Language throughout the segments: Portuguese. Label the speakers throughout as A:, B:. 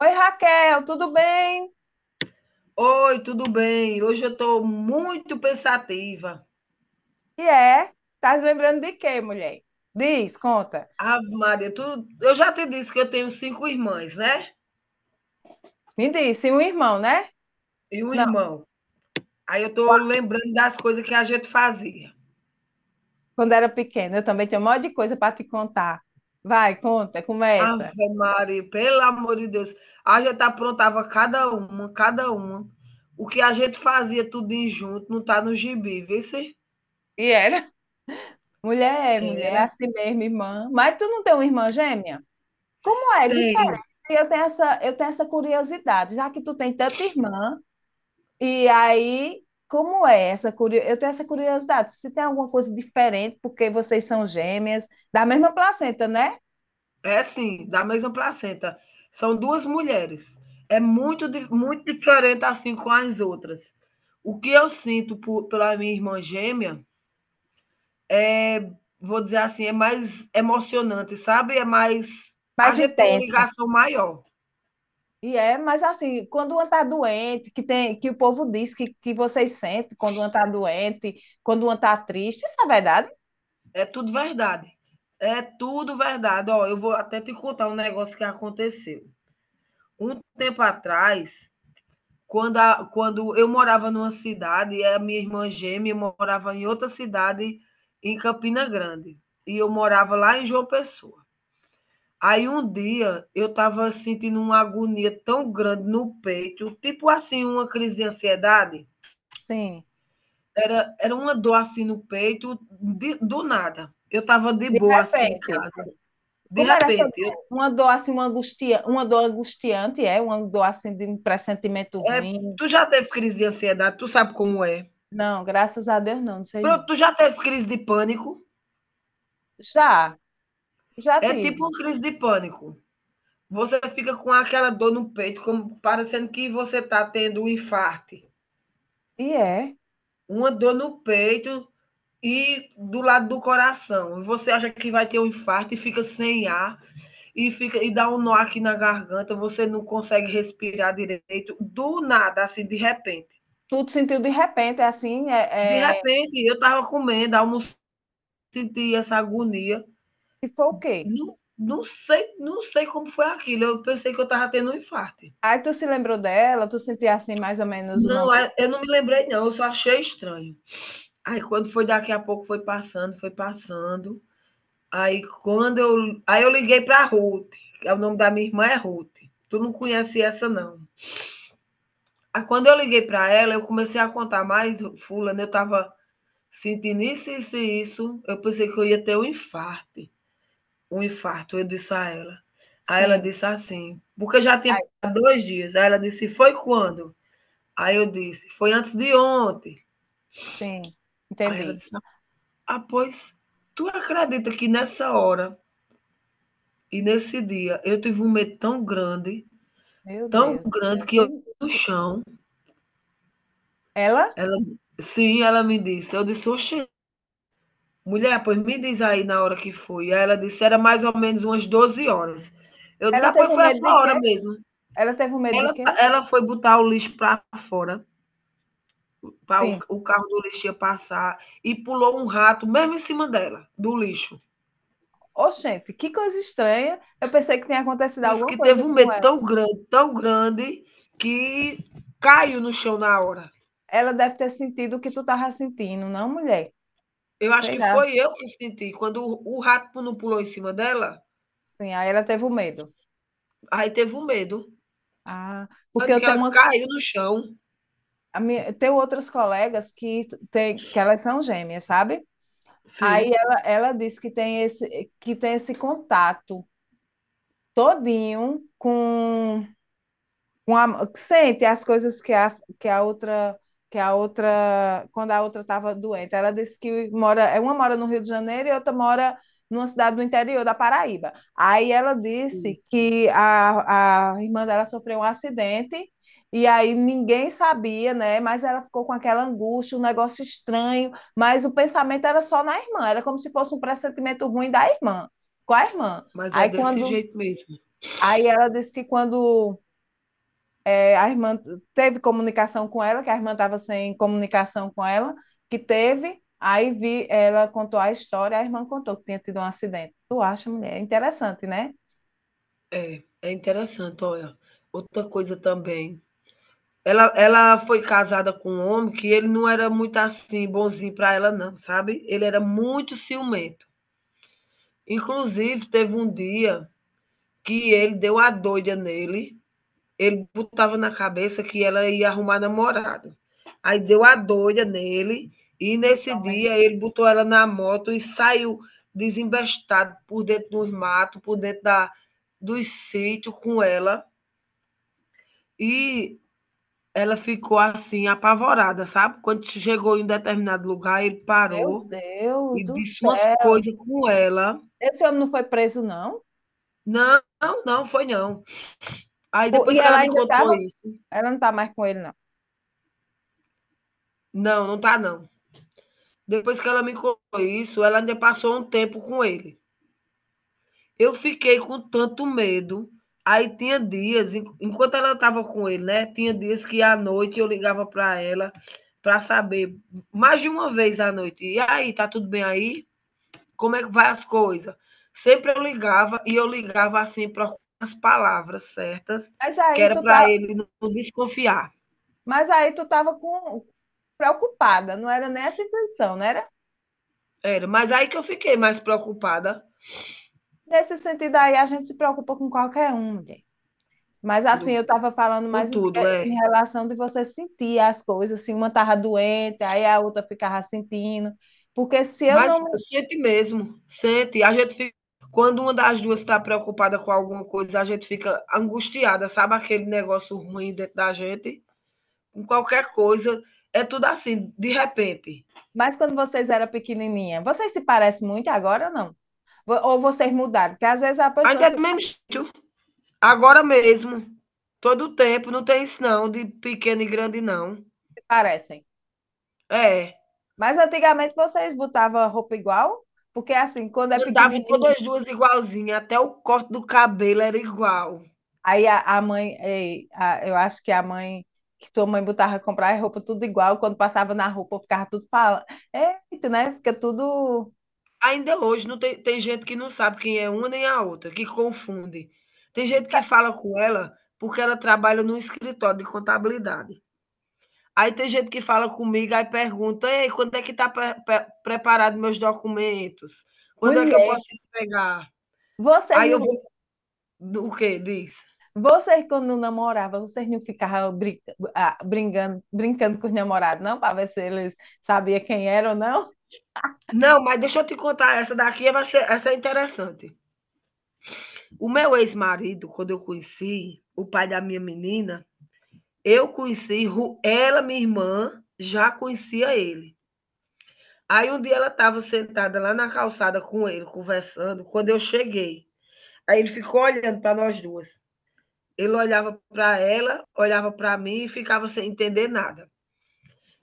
A: Oi, Raquel, tudo bem?
B: Oi, tudo bem? Hoje eu estou muito pensativa.
A: E é? Tá se lembrando de quê, mulher? Diz, conta.
B: Ave Maria, tu, eu já te disse que eu tenho cinco irmãs, né?
A: Me diz, se um irmão, né?
B: E um
A: Não,
B: irmão. Aí eu estou
A: qua-
B: lembrando das coisas que a gente fazia.
A: quando era pequena, eu também tinha um monte de coisa para te contar. Vai, conta, começa.
B: Ave Maria, pelo amor de Deus. A gente aprontava cada uma, cada uma. O que a gente fazia tudinho junto, não está no gibi, vê se?
A: E era? Mulher, mulher,
B: Era.
A: assim mesmo, irmã. Mas tu não tem uma irmã gêmea? Como é?
B: Tenho.
A: Diferente. Eu tenho essa curiosidade, já que tu tem tanta irmã. E aí, como é essa curiosidade? Eu tenho essa curiosidade, se tem alguma coisa diferente, porque vocês são gêmeas, da mesma placenta, né?
B: É sim, da mesma placenta. São duas mulheres. É muito, muito diferente assim com as outras. O que eu sinto pela minha irmã gêmea é, vou dizer assim, é mais emocionante, sabe? É mais. A
A: Mais
B: gente tem uma
A: intenso.
B: ligação maior.
A: E é, mas assim, quando uma está doente, que tem, que o povo diz que vocês sentem quando uma está doente, quando uma está triste, isso é verdade?
B: É tudo verdade. É tudo verdade. Ó, eu vou até te contar um negócio que aconteceu. Um tempo atrás, quando eu morava numa cidade, e a minha irmã gêmea morava em outra cidade, em Campina Grande, e eu morava lá em João Pessoa. Aí um dia eu estava sentindo uma agonia tão grande no peito, tipo assim, uma crise de ansiedade.
A: Sim.
B: Era uma dor assim no peito, do nada. Eu estava de
A: De
B: boa assim em
A: repente,
B: casa. De
A: como era essa
B: repente,
A: dor? Uma dor assim, uma angustia, uma dor angustiante, é? Uma dor assim de um pressentimento
B: é,
A: ruim?
B: tu já teve crise de ansiedade, tu sabe como é.
A: Não, graças a Deus não, não sei
B: Pronto,
A: não.
B: tu já teve crise de pânico?
A: Já, já
B: É tipo
A: tive.
B: uma crise de pânico. Você fica com aquela dor no peito, como parecendo que você está tendo um infarto,
A: E é.
B: uma dor no peito e do lado do coração. E você acha que vai ter um infarto e fica sem ar e fica e dá um nó aqui na garganta, você não consegue respirar direito, do nada, assim, de repente.
A: Tu te sentiu de repente, assim,
B: De repente, eu estava comendo, almoço, senti essa agonia.
A: e foi o quê?
B: Não, não sei como foi aquilo. Eu pensei que eu estava tendo um infarto.
A: Aí tu se lembrou dela, tu sentia assim mais ou menos o
B: Não,
A: nome.
B: eu não me lembrei, não, eu só achei estranho. Aí quando foi daqui a pouco foi passando, foi passando. Aí eu liguei para a Ruth, que é o nome da minha irmã é Ruth. Tu não conhece essa não. Aí quando eu liguei para ela, eu comecei a contar mais, fulano, eu estava sentindo isso, isso e isso. Eu pensei que eu ia ter um infarto. Um infarto, eu disse a ela. Aí ela
A: Sim,
B: disse assim, porque já tinha
A: aí,
B: passado 2 dias. Aí ela disse, foi quando? Aí eu disse, foi antes de ontem.
A: sim,
B: Aí ela
A: entendi.
B: disse, ah, pois, tu acredita que nessa hora e nesse dia eu tive um medo
A: Meu
B: tão
A: Deus do céu.
B: grande que eu
A: Que,
B: no
A: que...
B: chão,
A: Ela?
B: ela sim, ela me disse, eu disse: "Oxe, mulher, pois me diz aí na hora que foi". Aí ela disse: "Era mais ou menos umas 12 horas". Eu disse:
A: Ela
B: "Ah,
A: teve
B: pois
A: um
B: foi a
A: medo de
B: sua
A: quê?
B: hora mesmo".
A: Ela teve um medo de
B: Ela
A: quê?
B: tá, ela foi botar o lixo para fora, pra o
A: Sim.
B: o carro do lixo ia passar e pulou um rato mesmo em cima dela, do lixo.
A: Oxente, que coisa estranha. Eu pensei que tinha acontecido
B: Disse
A: alguma
B: que teve
A: coisa
B: um
A: com
B: medo
A: ela.
B: tão grande, que caiu no chão na hora.
A: Ela deve ter sentido o que tu tava sentindo, não, mulher?
B: Eu acho
A: Sei
B: que
A: lá.
B: foi eu que senti, quando o rato não pulou em cima dela,
A: Sim, aí ela teve o medo.
B: aí teve um medo,
A: Ah, porque
B: tanto
A: eu
B: que
A: tenho
B: ela
A: uma
B: caiu no chão.
A: tenho outras colegas que, tem, que elas são gêmeas, sabe?
B: Sim,
A: Ela disse que tem esse contato todinho com a, que sente as coisas que a, que a outra quando a outra estava doente. Ela disse que mora, é, uma mora no Rio de Janeiro e outra mora numa cidade do interior da Paraíba. Aí ela
B: sim,
A: disse que a irmã dela sofreu um acidente e aí ninguém sabia, né? Mas ela ficou com aquela angústia, um negócio estranho, mas o pensamento era só na irmã, era como se fosse um pressentimento ruim da irmã, com a irmã.
B: mas é
A: Aí
B: desse
A: quando,
B: jeito mesmo.
A: aí ela disse que quando é, a irmã teve comunicação com ela, que a irmã estava sem comunicação com ela, que teve, aí vi, ela contou a história, a irmã contou que tinha tido um acidente. Tu acha, mulher? É interessante, né?
B: É interessante, olha, outra coisa também, ela foi casada com um homem que ele não era muito, assim, bonzinho para ela não, sabe, ele era muito ciumento. Inclusive teve um dia que ele deu a doida nele. Ele botava na cabeça que ela ia arrumar namorado. Aí deu a doida nele, e
A: Esses
B: nesse
A: homens,
B: dia ele botou ela na moto e saiu desembestado por dentro dos matos, por dentro dos sítios com ela. E ela ficou assim, apavorada, sabe? Quando chegou em determinado lugar, ele
A: meu
B: parou
A: Deus
B: e
A: do
B: disse umas
A: céu.
B: coisas com ela.
A: Esse homem não foi preso, não?
B: Não, não, não foi não. Aí
A: E
B: depois que ela
A: ela
B: me
A: ainda
B: contou
A: estava,
B: isso,
A: ela não está mais com ele, não.
B: não, não tá não. Depois que ela me contou isso, ela ainda passou um tempo com ele. Eu fiquei com tanto medo. Aí tinha dias, enquanto ela estava com ele, né? Tinha dias que à noite eu ligava para ela para saber, mais de uma vez à noite. E aí, tá tudo bem aí? Como é que vai as coisas? Sempre eu ligava e eu ligava assim para as palavras certas,
A: Mas
B: que
A: aí
B: era
A: tu
B: para
A: tá,
B: ele não desconfiar.
A: mas aí tu estava com... preocupada, não era nessa intenção, não era?
B: Era, mas aí que eu fiquei mais preocupada
A: Nesse sentido aí, a gente se preocupa com qualquer um, mulher. Mas assim, eu
B: tudo,
A: estava falando
B: com
A: mais em,
B: tudo, é.
A: em relação de você sentir as coisas, assim, uma estava doente, aí a outra ficava sentindo. Porque se eu
B: Mas
A: não. me-
B: sente mesmo, sente. A gente fica quando uma das 2 está preocupada com alguma coisa, a gente fica angustiada, sabe aquele negócio ruim dentro da gente? Com qualquer coisa, é tudo assim, de repente.
A: Mas quando vocês eram pequenininha, vocês se parecem muito agora ou não? Ou vocês mudaram? Porque às vezes as
B: Ainda
A: pessoas
B: é
A: se
B: do mesmo jeito, agora mesmo, todo o tempo, não tem isso não, de pequeno e grande não.
A: parecem.
B: É,
A: Mas antigamente vocês botavam roupa igual? Porque assim, quando é
B: andava
A: pequenininho,
B: todas 2 igualzinha, até o corte do cabelo era igual.
A: aí a mãe, eu acho que a mãe, que tua mãe botava comprar roupa tudo igual, quando passava na roupa ficava tudo falando. Eita, né? Fica tudo
B: Ainda hoje não tem gente que não sabe quem é uma nem a outra, que confunde. Tem gente que fala com ela, porque ela trabalha num escritório de contabilidade. Aí tem gente que fala comigo, aí pergunta: "Ei, quando é que tá preparado meus documentos? Quando é que eu
A: mulher.
B: posso entregar?"
A: Vocês
B: Aí eu
A: não,
B: vou do quê? Diz.
A: vocês quando namoravam, vocês não ficavam ah, brincando, brincando com os namorados, não? Para ver se eles sabiam quem era ou não?
B: Não, mas deixa eu te contar essa daqui é, vai ser essa é interessante. O meu ex-marido, quando eu conheci, o pai da minha menina, eu conheci ru ela, minha irmã, já conhecia ele. Aí um dia ela estava sentada lá na calçada com ele, conversando, quando eu cheguei. Aí ele ficou olhando para nós duas. Ele olhava para ela, olhava para mim e ficava sem entender nada.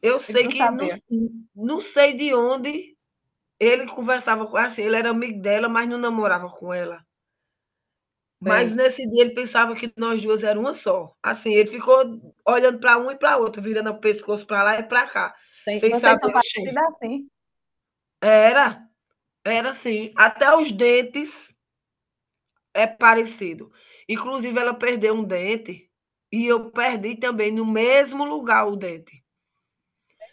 B: Eu
A: Eles
B: sei
A: não
B: que não,
A: sabiam.
B: não sei de onde ele conversava com assim, ele era amigo dela, mas não namorava com ela.
A: Sei.
B: Mas nesse dia ele pensava que nós duas eram uma só. Assim, ele ficou olhando para um e para outro, virando o pescoço para lá e para cá,
A: Sei.
B: sem
A: Vocês são
B: saber o cheiro.
A: parecidos assim.
B: Era, era assim, até os dentes é parecido. Inclusive, ela perdeu um dente e eu perdi também no mesmo lugar o dente.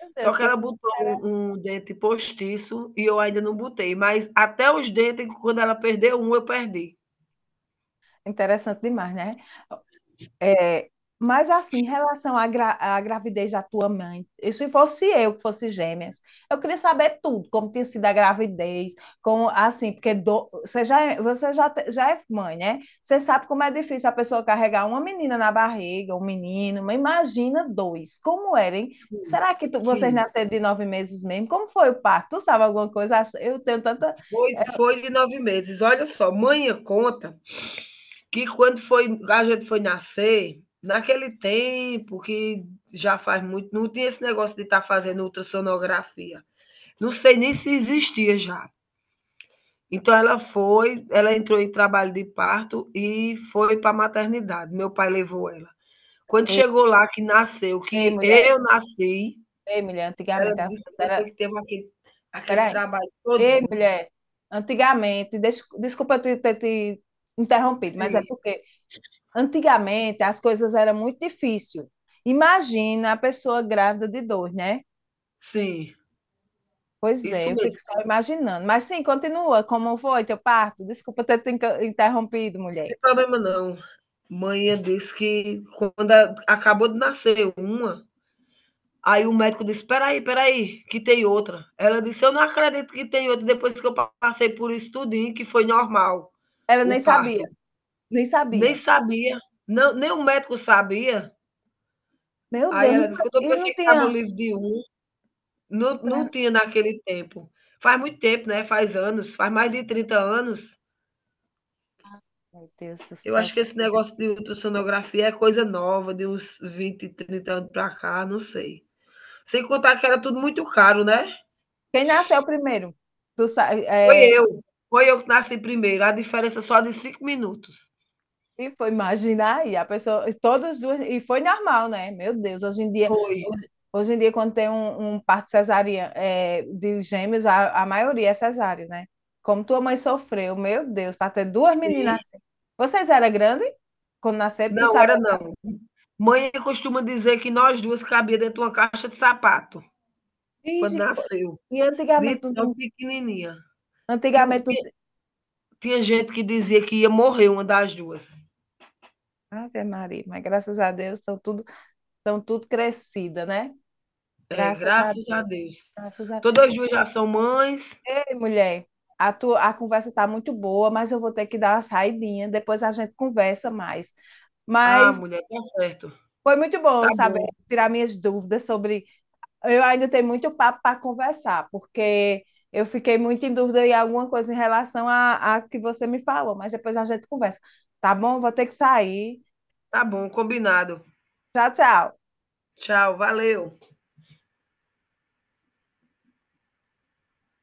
A: Meu
B: Só
A: Deus,
B: que
A: que
B: ela
A: coisa
B: botou
A: interessante.
B: um dente postiço e eu ainda não botei, mas até os dentes, quando ela perdeu um, eu perdi.
A: Interessante demais, né? É, mas assim, em relação à, à gravidez da tua mãe, e se fosse eu que fosse gêmeas, eu queria saber tudo, como tinha sido a gravidez, como assim, porque você já, você já, já é mãe, né? Você sabe como é difícil a pessoa carregar uma menina na barriga, um menino, mas imagina dois, como era, hein?
B: Sim,
A: Será que vocês
B: sim.
A: nasceram de 9 meses mesmo? Como foi o parto? Tu sabe alguma coisa? Eu tenho tanta.
B: Foi de 9 meses. Olha só, mãe conta que quando foi a gente foi nascer, naquele tempo que já faz muito, não tinha esse negócio de estar fazendo ultrassonografia. Não sei nem se existia já. Então ela entrou em trabalho de parto e foi para a maternidade, meu pai levou ela. Quando
A: Ei,
B: chegou lá que nasceu,
A: ei,
B: que
A: mulher,
B: eu nasci,
A: ei, mulher,
B: ela
A: antigamente as
B: disse que
A: coisas eram.
B: depois que teve aquele
A: Peraí.
B: trabalho
A: Ei,
B: todinho.
A: mulher, antigamente, desculpa eu ter te interrompido, mas é
B: Sim,
A: porque antigamente as coisas eram muito difíceis. Imagina a pessoa grávida de dor, né?
B: sim,
A: Pois é,
B: isso
A: eu fico
B: mesmo, não
A: só imaginando. Mas sim, continua, como foi teu parto? Desculpa ter te interrompido, mulher.
B: tem problema não. Manhã disse que quando a acabou de nascer uma, aí o médico disse: espera aí, que tem outra". Ela disse: "Eu não acredito que tem outra, depois que eu passei por isso tudinho, que foi normal
A: Ela
B: o
A: nem
B: parto".
A: sabia, nem
B: Nem
A: sabia.
B: sabia. Não, nem o médico sabia.
A: Meu
B: Aí
A: Deus, não,
B: ela disse: "Quando eu
A: e não
B: pensei que estava
A: tinha.
B: livre de um, não tinha naquele tempo". Faz muito tempo, né, faz anos, faz mais de 30 anos.
A: Meu Deus do
B: Eu
A: céu.
B: acho que
A: Como
B: esse
A: foi
B: negócio de
A: difícil.
B: ultrassonografia é coisa nova, de uns 20, 30 anos para cá, não sei. Sem contar que era tudo muito caro, né.
A: Quem nasceu primeiro? Tu,
B: Foi
A: é,
B: eu, foi eu que nasci primeiro, a diferença só de 5 minutos.
A: e foi, imagina aí, a pessoa, e todas duas, e foi normal, né? Meu Deus,
B: Foi.
A: hoje em dia quando tem um, um parto cesariana, é, de gêmeos, a maioria é cesárea, né? Como tua mãe sofreu, meu Deus, para ter duas meninas
B: Sim.
A: assim. Vocês eram grandes? Quando nasceram, tu
B: Não,
A: sabe,
B: era não. Mãe costuma dizer que nós 2 cabia dentro de uma caixa de sapato. Quando
A: Ixi, co-
B: nasceu,
A: e
B: de tão pequenininha, que o
A: antigamente, não
B: ti
A: tinha-
B: tinha gente que dizia que ia morrer uma das duas.
A: Ave Maria, mas graças a Deus, estão tudo crescida, né?
B: É,
A: Graças a
B: graças a
A: Deus,
B: Deus.
A: graças a
B: Todas as 2 já são mães.
A: Ei, mulher, a, tua, a conversa tá muito boa, mas eu vou ter que dar uma saidinha. Depois a gente conversa mais.
B: Ah,
A: Mas
B: mulher, tá certo.
A: foi muito
B: Tá
A: bom saber
B: bom,
A: tirar minhas dúvidas sobre. Eu ainda tenho muito papo para conversar, porque eu fiquei muito em dúvida em alguma coisa em relação a que você me falou, mas depois a gente conversa. Tá bom? Vou ter que sair.
B: tá bom, combinado.
A: Tchau, tchau.
B: Tchau, valeu.